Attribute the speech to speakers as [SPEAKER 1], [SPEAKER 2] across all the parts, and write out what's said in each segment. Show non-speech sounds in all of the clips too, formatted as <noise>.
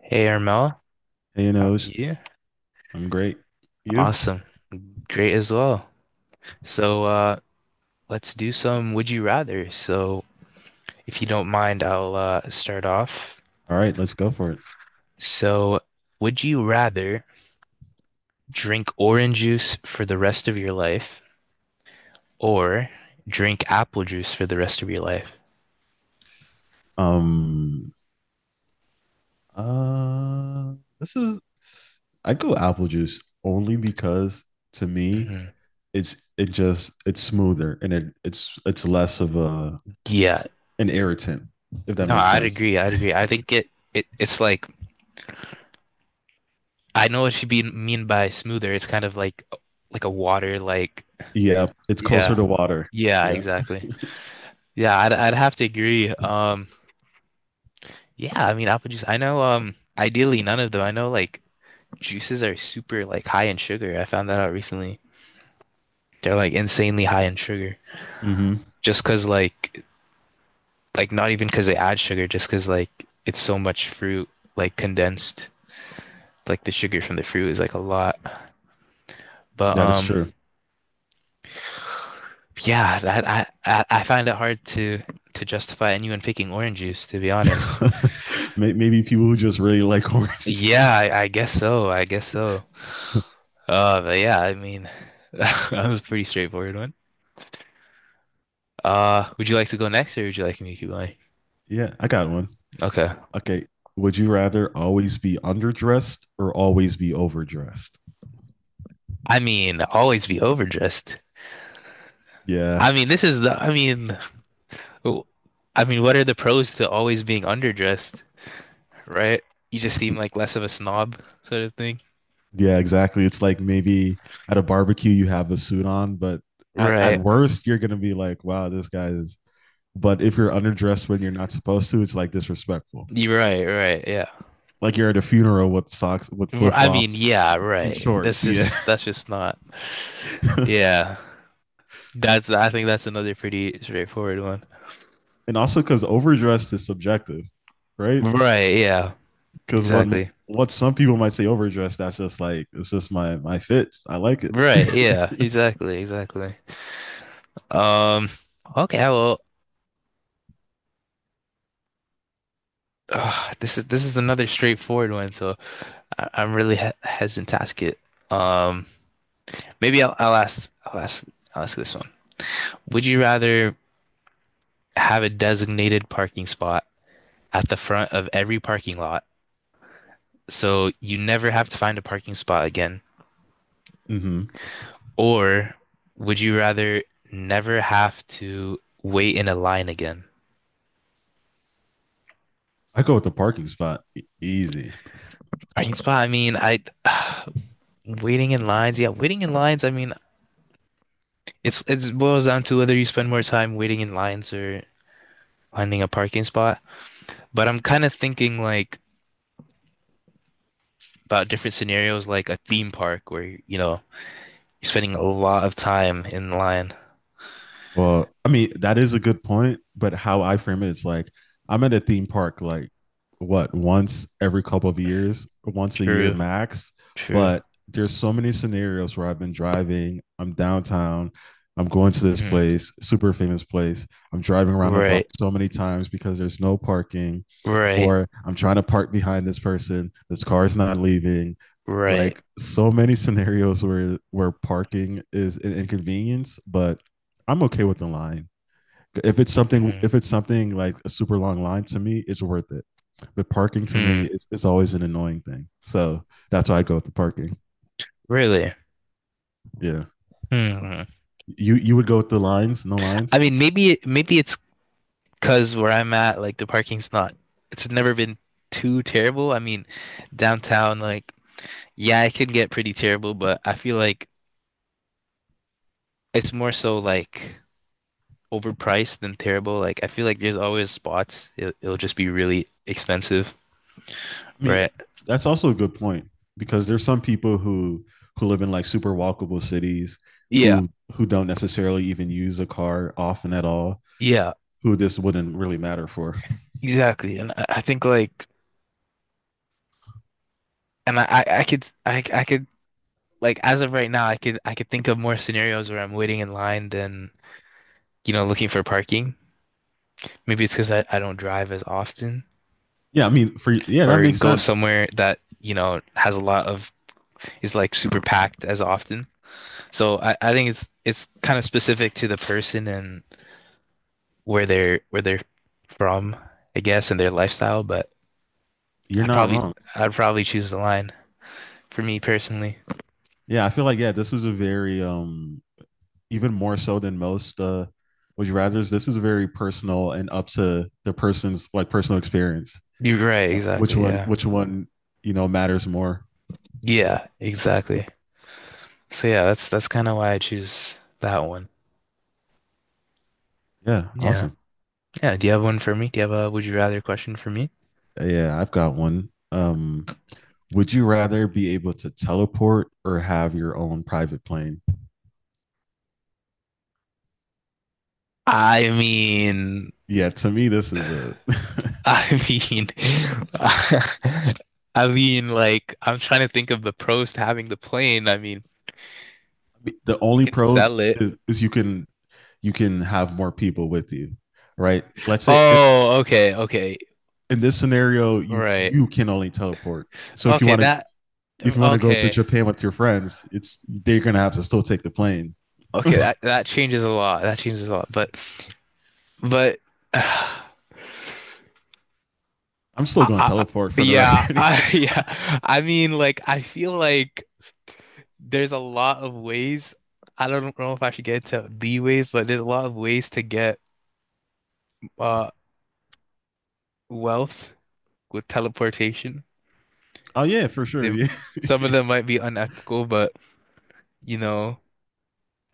[SPEAKER 1] Hey Armel,
[SPEAKER 2] Hey,
[SPEAKER 1] how are
[SPEAKER 2] Anoj.
[SPEAKER 1] you?
[SPEAKER 2] I'm great. You?
[SPEAKER 1] Awesome. Great as well. So let's do some would you rather. So if you don't mind, I'll start off.
[SPEAKER 2] All right, let's go for it.
[SPEAKER 1] So would you rather drink orange juice for the rest of your life or drink apple juice for the rest of your life?
[SPEAKER 2] Um, uh, this is I go apple juice only because to me
[SPEAKER 1] hmm
[SPEAKER 2] it just it's smoother and it's less of a
[SPEAKER 1] Yeah.
[SPEAKER 2] an irritant if that
[SPEAKER 1] No,
[SPEAKER 2] makes
[SPEAKER 1] I'd
[SPEAKER 2] sense.
[SPEAKER 1] agree. I'd agree. I think it it's like I know what you be mean by smoother. It's kind of like a water like
[SPEAKER 2] Yeah, it's closer
[SPEAKER 1] yeah.
[SPEAKER 2] to water.
[SPEAKER 1] Yeah,
[SPEAKER 2] Yeah.
[SPEAKER 1] exactly. Yeah, I'd have to agree. Yeah, I mean apple juice. I know ideally none of them. I know like juices are super like high in sugar. I found that out recently. They're like insanely high in sugar.
[SPEAKER 2] hmm
[SPEAKER 1] Just 'cause like not even 'cause they add sugar, just 'cause like it's so much fruit like condensed. Like the sugar from the fruit is like a lot. But
[SPEAKER 2] That is
[SPEAKER 1] um
[SPEAKER 2] true.
[SPEAKER 1] yeah, that I find it hard to justify anyone picking orange juice to be honest.
[SPEAKER 2] <laughs> Maybe people who just really like <laughs> orange
[SPEAKER 1] Yeah,
[SPEAKER 2] juice.
[SPEAKER 1] I guess so. I guess so. But yeah, I mean, <laughs> that was a pretty straightforward one. Would you like to go next, or would you like me to keep going?
[SPEAKER 2] Yeah, I got one.
[SPEAKER 1] Okay.
[SPEAKER 2] Okay. Would you rather always be underdressed or always be overdressed?
[SPEAKER 1] I mean, always be overdressed.
[SPEAKER 2] Yeah.
[SPEAKER 1] I mean, this is the. I mean, w- I mean, what are the pros to always being underdressed, right? You just seem like less of a snob, sort of thing.
[SPEAKER 2] Yeah, exactly. It's like maybe at a barbecue you have a suit on, but at
[SPEAKER 1] Right.
[SPEAKER 2] worst you're gonna be like, wow, this guy is but if you're underdressed when you're not supposed to, it's like disrespectful.
[SPEAKER 1] You're right. Right. Yeah.
[SPEAKER 2] Like you're at a funeral with socks with flip
[SPEAKER 1] I mean,
[SPEAKER 2] flops
[SPEAKER 1] yeah.
[SPEAKER 2] and
[SPEAKER 1] Right.
[SPEAKER 2] shorts. Yeah.
[SPEAKER 1] That's just not.
[SPEAKER 2] <laughs>
[SPEAKER 1] Yeah. That's I think that's another pretty straightforward one.
[SPEAKER 2] And also because overdressed is subjective, right?
[SPEAKER 1] Right, yeah.
[SPEAKER 2] Because what
[SPEAKER 1] Exactly.
[SPEAKER 2] what some people might say overdressed, that's just like it's just my fits. I like it.
[SPEAKER 1] Right,
[SPEAKER 2] <laughs>
[SPEAKER 1] yeah. Exactly, exactly. Um okay, well this is another straightforward one, so I'm really he hesitant to ask it. Um maybe I'll ask I'll ask this one. Would you rather have a designated parking spot at the front of every parking lot so you never have to find a parking spot again,
[SPEAKER 2] hmm
[SPEAKER 1] or would you rather never have to wait in a line again?
[SPEAKER 2] I go with the parking spot, easy.
[SPEAKER 1] Parking spot. I mean, I <sighs> waiting in lines. Yeah, waiting in lines. I mean, it boils down to whether you spend more time waiting in lines or finding a parking spot. But I'm kind of thinking like about different scenarios, like a theme park where you know you're spending a lot of time in line.
[SPEAKER 2] Well, I mean, that is a good point, but how I frame it is like I'm at a theme park like what, once every couple of years, once a year
[SPEAKER 1] True,
[SPEAKER 2] max.
[SPEAKER 1] true.
[SPEAKER 2] But there's so many scenarios where I've been driving, I'm downtown, I'm going to this
[SPEAKER 1] Mhm.
[SPEAKER 2] place, super famous place. I'm driving around the block
[SPEAKER 1] Right,
[SPEAKER 2] so many times because there's no parking,
[SPEAKER 1] right,
[SPEAKER 2] or I'm trying to park behind this person, this car is not leaving.
[SPEAKER 1] right.
[SPEAKER 2] Like so many scenarios where parking is an inconvenience, but I'm okay with the line.
[SPEAKER 1] Hmm.
[SPEAKER 2] If it's something like a super long line, to me, it's worth it. But parking to
[SPEAKER 1] Hmm.
[SPEAKER 2] me is always an annoying thing. So that's why I go with the parking.
[SPEAKER 1] Really?
[SPEAKER 2] Yeah.
[SPEAKER 1] Hmm.
[SPEAKER 2] You would go with the lines, no lines.
[SPEAKER 1] I mean, maybe it's because where I'm at, like the parking's not, it's never been too terrible. I mean, downtown, like, yeah, it can get pretty terrible, but I feel like it's more so like overpriced than terrible. Like, I feel like there's always spots, it'll just be really expensive,
[SPEAKER 2] I mean,
[SPEAKER 1] right?
[SPEAKER 2] that's also a good point because there's some people who live in like super walkable cities
[SPEAKER 1] Yeah,
[SPEAKER 2] who don't necessarily even use a car often at all,
[SPEAKER 1] yeah,
[SPEAKER 2] who this wouldn't really matter for.
[SPEAKER 1] exactly. And I think like, and I could like as of right now, I, could, I could think of more scenarios where I'm waiting in line than, you know, looking for parking. Maybe it's because I don't drive as often.
[SPEAKER 2] Yeah, I mean, for yeah, that
[SPEAKER 1] Or
[SPEAKER 2] makes
[SPEAKER 1] go
[SPEAKER 2] sense.
[SPEAKER 1] somewhere that, you know, has a lot of is like super packed as often. So I think it's kind of specific to the person and where they're from, I guess, and their lifestyle, but
[SPEAKER 2] You're
[SPEAKER 1] I'd
[SPEAKER 2] not
[SPEAKER 1] probably
[SPEAKER 2] wrong.
[SPEAKER 1] I'd probably choose the line for me personally.
[SPEAKER 2] Yeah, I feel like, yeah, this is a very even more so than most, would you rather's. This is very personal and up to the person's like personal experience.
[SPEAKER 1] You're right,
[SPEAKER 2] Which
[SPEAKER 1] exactly.
[SPEAKER 2] one?
[SPEAKER 1] Yeah.
[SPEAKER 2] Which one? You know, matters more.
[SPEAKER 1] Yeah, exactly. So yeah, that's kind of why I choose that one.
[SPEAKER 2] Yeah,
[SPEAKER 1] Yeah.
[SPEAKER 2] awesome.
[SPEAKER 1] Yeah, do you have one for me? Do you have a would you rather question for me?
[SPEAKER 2] Yeah, I've got one. Would you rather be able to teleport or have your own private plane?
[SPEAKER 1] I mean,
[SPEAKER 2] Yeah, to me, this is a
[SPEAKER 1] I mean, <laughs> I mean, like, I'm trying to think of the pros to having the plane. I mean,
[SPEAKER 2] the
[SPEAKER 1] you
[SPEAKER 2] only
[SPEAKER 1] could
[SPEAKER 2] pros
[SPEAKER 1] sell it.
[SPEAKER 2] is you can have more people with you, right? Let's say
[SPEAKER 1] Oh, okay,
[SPEAKER 2] in this scenario, you
[SPEAKER 1] right.
[SPEAKER 2] you can only teleport. So
[SPEAKER 1] Okay, that,
[SPEAKER 2] if you want to go to
[SPEAKER 1] okay,
[SPEAKER 2] Japan with your friends, it's they're gonna have to still take the plane.
[SPEAKER 1] okay, that changes a lot. That changes a lot. But, <sighs> I,
[SPEAKER 2] I'm still going to
[SPEAKER 1] I-
[SPEAKER 2] teleport, for the
[SPEAKER 1] yeah,
[SPEAKER 2] record.
[SPEAKER 1] I, <laughs>
[SPEAKER 2] <laughs>
[SPEAKER 1] yeah, I mean, like, I feel like there's a lot of ways. I don't know if I should get into the ways, but there's a lot of ways to get, uh, wealth with teleportation.
[SPEAKER 2] Oh yeah, for sure.
[SPEAKER 1] They
[SPEAKER 2] Yeah,
[SPEAKER 1] some of them might be unethical, but you know,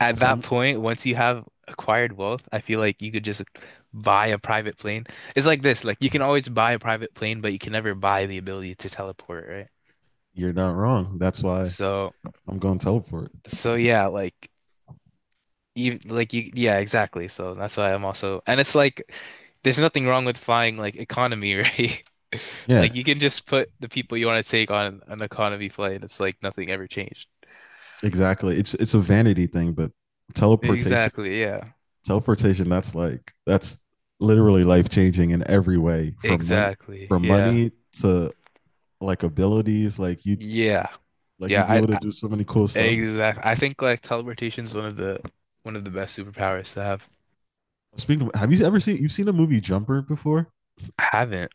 [SPEAKER 1] at that
[SPEAKER 2] some
[SPEAKER 1] point, once you have acquired wealth, I feel like you could just buy a private plane. It's like this, like you can always buy a private plane, but you can never buy the ability to teleport, right?
[SPEAKER 2] you're not wrong. That's why
[SPEAKER 1] So,
[SPEAKER 2] I'm going to teleport.
[SPEAKER 1] so yeah, like like you, yeah, exactly. So that's why I'm also, and it's like there's nothing wrong with flying like economy, <laughs> right?
[SPEAKER 2] Yeah,
[SPEAKER 1] Like you can just put the people you want to take on an economy flight. It's like nothing ever changed.
[SPEAKER 2] exactly. It's a vanity thing, but teleportation,
[SPEAKER 1] Exactly, yeah.
[SPEAKER 2] teleportation. That's like that's literally life changing in every way.
[SPEAKER 1] Exactly.
[SPEAKER 2] From
[SPEAKER 1] Yeah.
[SPEAKER 2] money to like abilities.
[SPEAKER 1] Yeah.
[SPEAKER 2] Like
[SPEAKER 1] Yeah,
[SPEAKER 2] you'd be
[SPEAKER 1] I,
[SPEAKER 2] able to
[SPEAKER 1] I
[SPEAKER 2] do so many cool stuff.
[SPEAKER 1] exactly. I think like teleportation is one of the best superpowers to have.
[SPEAKER 2] Speaking of, have you ever seen, you've seen the movie Jumper before?
[SPEAKER 1] I haven't.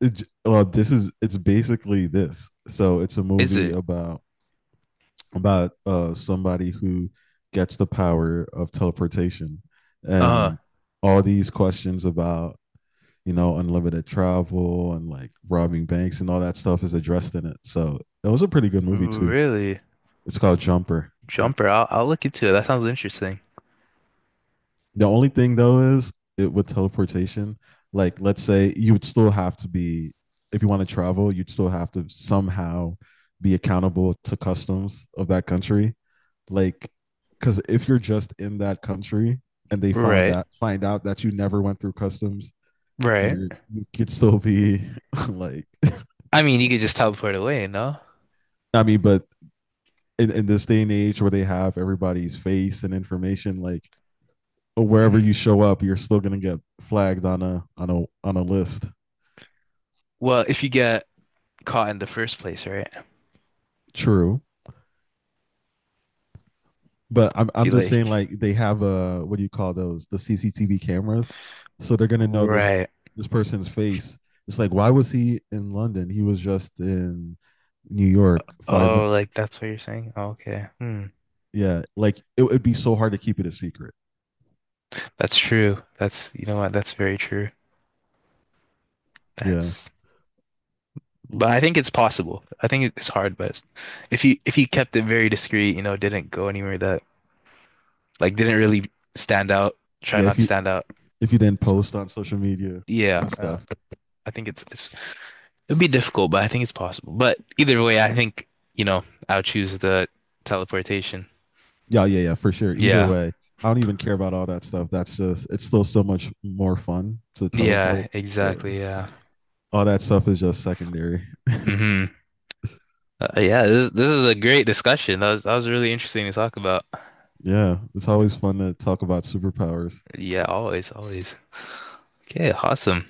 [SPEAKER 2] It Well, this is, it's basically this, so it's a
[SPEAKER 1] Is
[SPEAKER 2] movie
[SPEAKER 1] it?
[SPEAKER 2] about somebody who gets the power of teleportation,
[SPEAKER 1] Uh,
[SPEAKER 2] and all these questions about, you know, unlimited travel and like robbing banks and all that stuff is addressed in it, so it was a pretty good movie too.
[SPEAKER 1] really?
[SPEAKER 2] It's called Jumper, yeah.
[SPEAKER 1] Jumper. I'll look into it. That sounds interesting.
[SPEAKER 2] The only thing though is, it with teleportation, like let's say you would still have to be, if you want to travel, you'd still have to somehow be accountable to customs of that country. Like because if you're just in that country and they found
[SPEAKER 1] Right.
[SPEAKER 2] out find out that you never went through customs,
[SPEAKER 1] Right.
[SPEAKER 2] you're, you could still be <laughs> like
[SPEAKER 1] I mean, you could just teleport away, no?
[SPEAKER 2] I mean, but in this day and age where they have everybody's face and information, like wherever
[SPEAKER 1] Mhm.
[SPEAKER 2] you show up, you're still gonna get flagged on a list.
[SPEAKER 1] Well, if you get caught in the first place, right?
[SPEAKER 2] True, but
[SPEAKER 1] If
[SPEAKER 2] I'm
[SPEAKER 1] you
[SPEAKER 2] just saying
[SPEAKER 1] like
[SPEAKER 2] like they have a, what do you call those, the CCTV cameras, so they're gonna know
[SPEAKER 1] Right.
[SPEAKER 2] this person's face. It's like why was he in London? He was just in New York five
[SPEAKER 1] Oh,
[SPEAKER 2] minutes.
[SPEAKER 1] like that's what you're saying? Okay. Hmm.
[SPEAKER 2] Yeah, like it would be so hard to keep it a secret.
[SPEAKER 1] That's true. That's, you know what? That's very true.
[SPEAKER 2] Yeah,
[SPEAKER 1] That's But I think it's possible. I think it's hard, but if you kept it very discreet, you know, didn't go anywhere that like didn't really stand out, try
[SPEAKER 2] yeah.
[SPEAKER 1] not to stand out.
[SPEAKER 2] If you didn't
[SPEAKER 1] it's-
[SPEAKER 2] post on social media
[SPEAKER 1] Yeah,
[SPEAKER 2] and stuff.
[SPEAKER 1] I think it's it'd be difficult, but I think it's possible. But either way, I think, you know, I'll choose the teleportation.
[SPEAKER 2] Yeah, yeah, yeah, for sure. Either
[SPEAKER 1] Yeah.
[SPEAKER 2] way, I don't even care about all that stuff. That's just it's still so much more fun to teleport.
[SPEAKER 1] Yeah,
[SPEAKER 2] So
[SPEAKER 1] exactly. Yeah.
[SPEAKER 2] all that stuff is just secondary.
[SPEAKER 1] Hmm. Yeah, this is a great discussion. That was really interesting to talk about.
[SPEAKER 2] Yeah, it's always fun to talk about superpowers.
[SPEAKER 1] Yeah, always, always. Okay, awesome.